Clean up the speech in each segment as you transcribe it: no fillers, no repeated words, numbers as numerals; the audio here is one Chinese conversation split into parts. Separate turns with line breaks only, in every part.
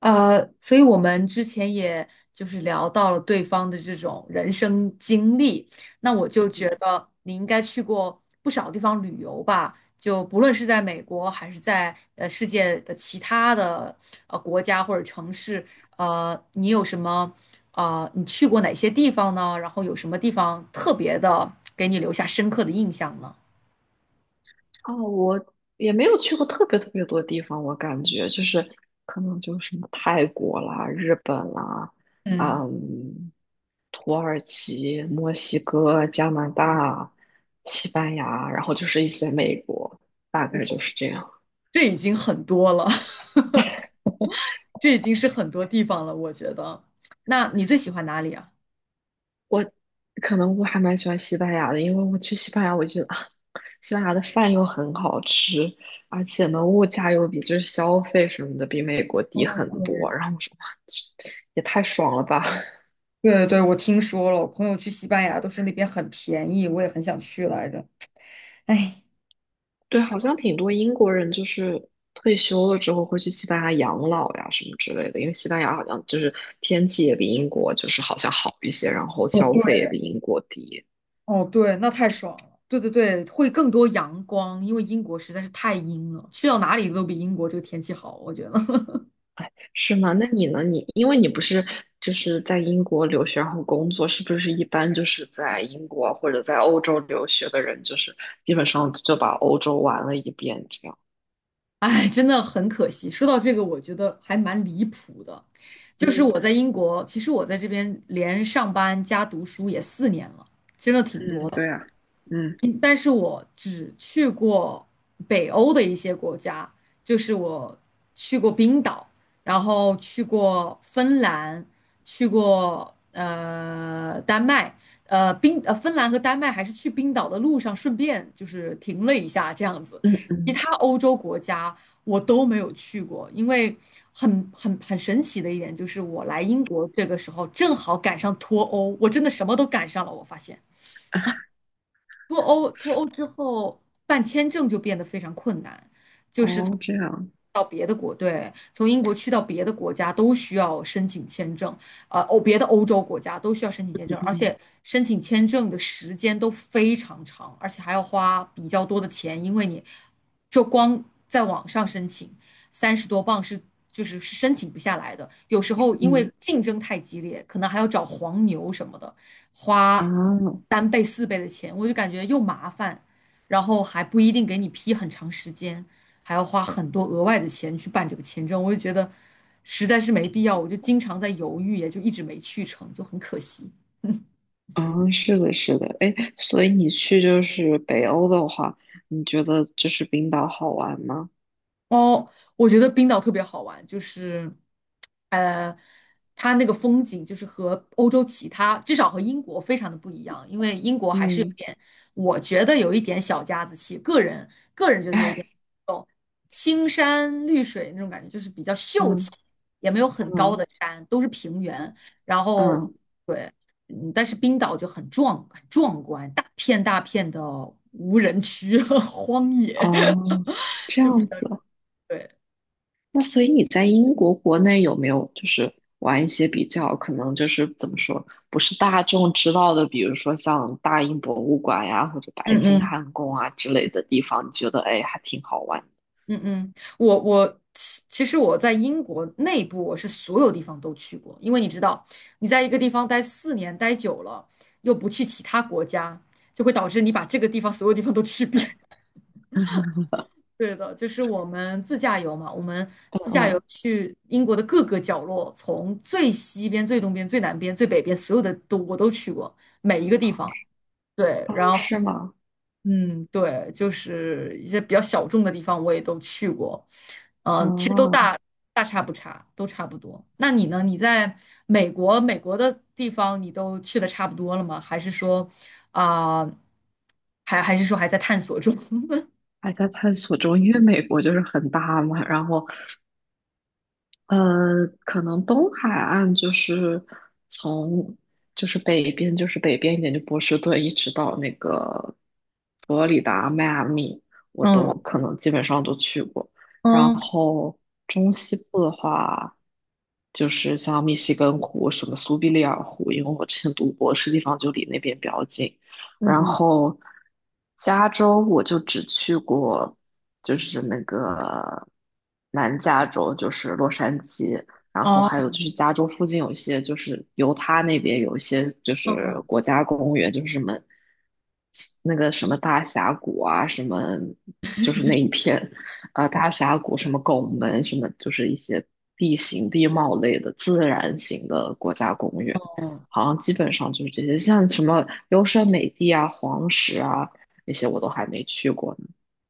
所以我们之前也就是聊到了对方的这种人生经历，那我就觉
嗯，
得你应该去过不少地方旅游吧，就不论是在美国还是在世界的其他的国家或者城市，你有什么你去过哪些地方呢？然后有什么地方特别的给你留下深刻的印象呢？
哦，我也没有去过特别特别多地方，我感觉就是可能就是什么泰国啦、日本啦、
嗯，
嗯，土耳其、墨西哥、加拿大、西班牙，然后就是一些美国，大概就是这样。
这已经很多了，这已经是很多地方了，我觉得。那你最喜欢哪里啊？
我可能我还蛮喜欢西班牙的，因为我去西班牙，我觉得啊，西班牙的饭又很好吃，而且呢，物价又比就是消费什么的比美国低
哦，
很多。
对
然后我说哇，这也太爽了吧！
对对，我听说了，我朋友去西班牙都是那边很便宜，我也很想去来着。哎，
对，好像挺多英国人就是退休了之后会去西班牙养老呀什么之类的，因为西班牙好像就是天气也比英国就是好像好一些，然后
哦
消费也
对，
比英国低。
哦对，那太爽了。对对对，会更多阳光，因为英国实在是太阴了，去到哪里都比英国这个天气好，我觉得。
是吗？那你呢？你因为你不是就是在英国留学然后工作，是不是一般就是在英国或者在欧洲留学的人，就是基本上就把欧洲玩了一遍这样？
哎，真的很可惜。说到这个，我觉得还蛮离谱的，就是我
嗯
在英国，其实我在这边连上班加读书也四年了，真的挺多
嗯，
的。
对啊，嗯，
嗯，但是我只去过北欧的一些国家，就是我去过冰岛，然后去过芬兰，去过丹麦，呃冰呃芬兰和丹麦还是去冰岛的路上顺便就是停了一下这样子，
嗯
其
嗯
他欧洲国家我都没有去过，因为很神奇的一点就是我来英国这个时候正好赶上脱欧，我真的什么都赶上了，我发现。脱欧之后办签证就变得非常困难，
哦，这样，
到别的国，对，从英国去到别的国家都需要申请签证，别的欧洲国家都需要申请签证，而
嗯
且申请签证的时间都非常长，而且还要花比较多的钱，因为你就光在网上申请，三十多磅是是申请不下来的。有时候因为
嗯
竞争太激烈，可能还要找黄牛什么的，花
啊，
三倍四倍的钱，我就感觉又麻烦，然后还不一定给你批很长时间，还要花很多额外的钱去办这个签证，我就觉得实在是没必要，我就经常在犹豫，也就一直没去成，就很可惜。
啊，是的，是的，哎，所以你去就是北欧的话，你觉得就是冰岛好玩吗？
哦，我觉得冰岛特别好玩，就是，呃，它那个风景就是和欧洲其他，至少和英国非常的不一样，因为英国还是有
嗯
点，我觉得有一点小家子气，个人 有一
哎，
点青山绿水那种感觉，就是比较秀气，
嗯
也没有很高
嗯
的山，都是平原，然后
嗯，
对，嗯，但是冰岛就很壮，很壮观，大片大片的无人区和 荒野，
哦，这
就比
样
较
子，
对。
那所以你在英国国内有没有就是玩一些比较可能就是怎么说不是大众知道的，比如说像大英博物馆呀或者白
嗯
金
嗯。
汉宫啊之类的地方，你觉得哎还挺好玩
嗯嗯，我其实我在英国内部，我是所有地方都去过，因为你知道，你在一个地方待四年待久了，又不去其他国家，就会导致你把这个地方所有地方都去遍。
嗯
对的，就是我们自驾游嘛，我们 自驾游
嗯，
去英国的各个角落，从最西边、最东边、最南边、最北边，所有的都我都去过，每一个地方。对，
哦，
然后
是吗？
嗯，对，就是一些比较小众的地方我也都去过。嗯，其实。
哦，
大差不差，都差不多。那你呢？你在美国，美国的地方你都去的差不多了吗？还是说，啊、还是说还在探索中？
还在探索中，因为美国就是很大嘛，然后可能东海岸就是从就是北边，就是北边一点，就波士顿一直到那个佛罗里达、迈阿密，我都
嗯
可能基本上都去过。然
嗯
后中西部的话，就是像密西根湖、什么苏必利尔湖，因为我之前读博士地方就离那边比较近，
嗯
然
嗯，
后加州我就只去过，就是那个南加州，就是洛杉矶，然后
哦，
还有就是加州附近有一些，就是犹他那边有一些就
嗯
是
嗯
国家公园，就是什么那个什么大峡谷啊，什么就是那一片啊、大峡谷，什么拱门，什么就是一些地形地貌类的自然型的国家公园。
哦
好像基本上就是这些，像什么优胜美地啊、黄石啊那些我都还没去过呢。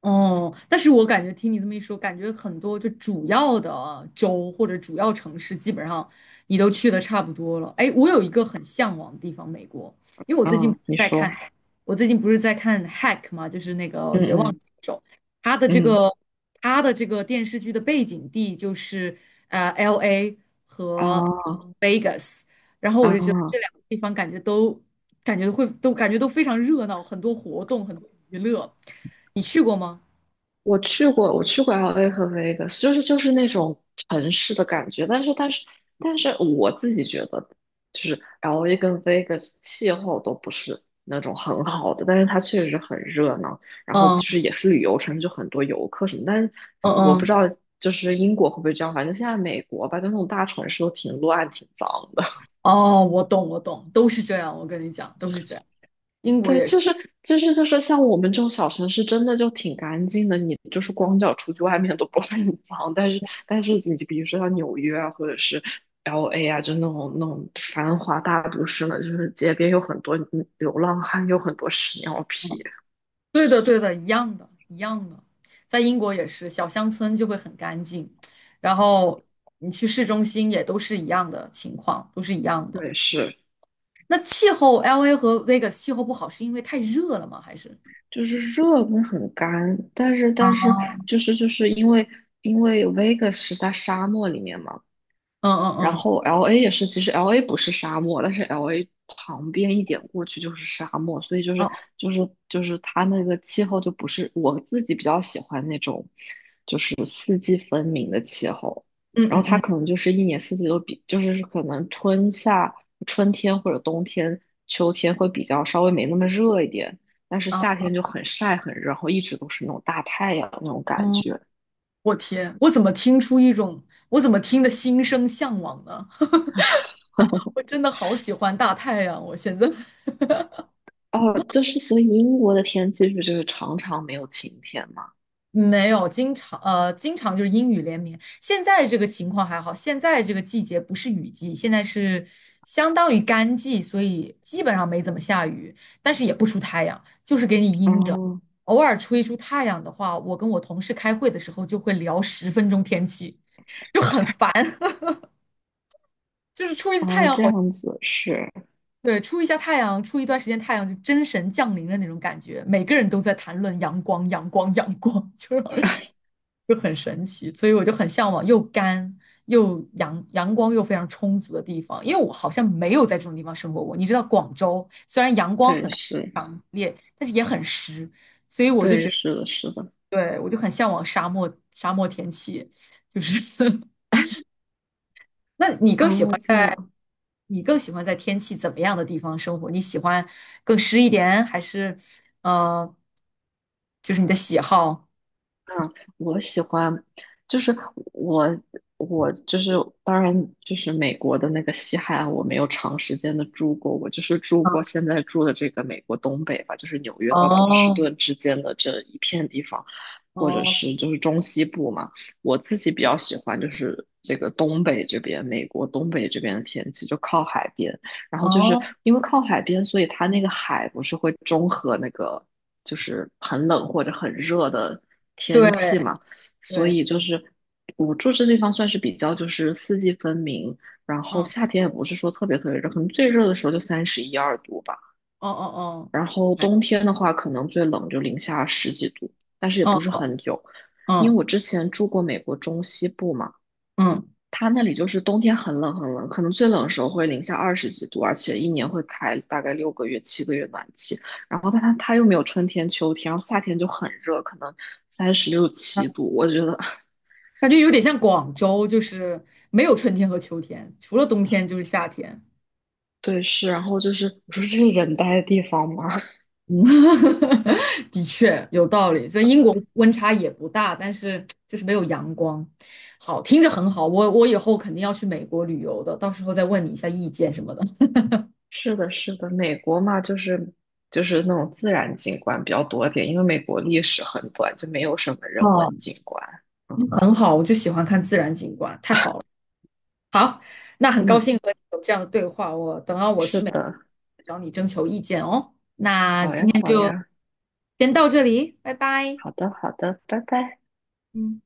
哦。但是我感觉听你这么一说，感觉很多就主要的州或者主要城市，基本上你都去的差不多了。哎，我有一个很向往的地方，美国，因为我最近不
嗯，
是
你
在看，
说，
我最近不是在看《Hack》嘛，就是那个
嗯
《绝望》。
嗯
它的这
嗯，
个它的这个电视剧的背景地就是LA
啊
和 Vegas，然后我就觉得这
啊，
两个地方感觉都感觉会都感觉都非常热闹，很多活动，很多娱乐。你去过吗？
我去过 LA 和 Vegas，就是那种城市的感觉，但是我自己觉得，就是 LA 跟 Vegas 气候都不是那种很好的，但是它确实很热闹，然后就是
嗯
也是旅游城市，就很多游客什么，但是
嗯
我不知
嗯，
道就是英国会不会这样，反正现在美国吧，就那种大城市都挺乱挺脏的。
哦，我懂我懂，都是这样，我跟你讲，都是这样。英国
对，
也是。
就是像我们这种小城市，真的就挺干净的。你就是光脚出去外面都不会很脏，但是你比如说像纽约啊，或者是 LA 啊，就那种繁华大都市呢，就是街边有很多流浪汉，有很多屎尿屁。
对的，对的，一样的，一样的，在英国也是，小乡村就会很干净，然后你去市中心也都是一样的情况，都是一样的。
对，是
那气候，LA 和 Vegas 气候不好是因为太热了吗？还是？
就是热跟很干，但是但
啊？
是就是因为 Vegas 是在沙漠里面嘛。
嗯
然
嗯嗯，
后 LA 也是，其实 LA 不是沙漠，但是 LA 旁边一点过去就是沙漠，所以就是
啊，
就是就是它那个气候就不是我自己比较喜欢那种，就是四季分明的气候。
嗯
然
嗯
后它
嗯，
可能就是一年四季都比，就是可能春夏、春天或者冬天、秋天会比较稍微没那么热一点，但是
啊，
夏天就很晒很热，然后一直都是那种大太阳那种感
哦，
觉。
我天，我怎么听出一种，我怎么听得心生向往呢？我真的好喜欢大太阳，我现在。
哦，就是所以英国的天气不就是常常没有晴天嘛？
没有，经常经常就是阴雨连绵。现在这个情况还好，现在这个季节不是雨季，现在是相当于干季，所以基本上没怎么下雨，但是也不出太阳，就是给你阴着。
哦
偶尔出一出太阳的话，我跟我同事开会的时候就会聊十分钟天气，就很烦。就是出一次太
哦，
阳
这
好，
样子是，
对，出一下太阳，出一段时间太阳，就真神降临的那种感觉，每个人都在谈论阳光，阳光，阳光，就很神奇，所以我就很向往又干又阳光又非常充足的地方，因为我好像没有在这种地方生活过。你知道广州虽然阳光
对
很
是，
烈，但是也很湿，所以我就
对
觉得，
是的是的，
对，我就很向往沙漠天气，就是 那你更喜
哦
欢
这样。
你更喜欢在天气怎么样的地方生活？你喜欢更湿一点，还是呃，就是你的喜好？
嗯，我喜欢，就是我我就是当然就是美国的那个西海岸，我没有长时间的住过，我就是住过现在住的这个美国东北吧，就是纽约到波士
哦
顿之间的这一片地方，或者
哦
是就是中西部嘛，我自己比较喜欢就是这个东北这边，美国东北这边的天气就靠海边，然后就是
哦，
因为靠海边，所以它那个海不是会中和那个。就是很冷或者很热的
对
天气嘛，所
对，
以就是我住这地方算是比较就是四季分明，然后
嗯。
夏天也不是说特别特别热，可能最热的时候就三十一二度吧，
哦哦
然后
还
冬天的话可能最冷就零下十几度，但是也不
哦，
是很久，因为
嗯
我之前住过美国中西部嘛。
嗯
它那里就是冬天很冷很冷，可能最冷的时候会零下二十几度，而且一年会开大概6个月、7个月暖气。然后它又没有春天、秋天，然后夏天就很热，可能三十六
嗯，
七度。我觉得
感觉有点像广州，就是没有春天和秋天，除了冬天就是夏天。
对是，然后就是我说这是人待的地方吗？
嗯，的确有道理。所以英国温差也不大，但是就是没有阳光。好，听着很好，我以后肯定要去美国旅游的，到时候再问你一下意见什么的。
是的，是的，美国嘛，就是那种自然景观比较多一点，因为美国历史很短，就没有什么人文
哦，
景观。嗯
很好，我就喜欢看自然景观，太好了。那很高
嗯，
兴和你有这样的对话，我等到我去
是
美国
的，
找你征求意见哦。那
好
今
呀
天
好
就
呀，
先到这里，拜拜。
好的好的，拜拜。
嗯。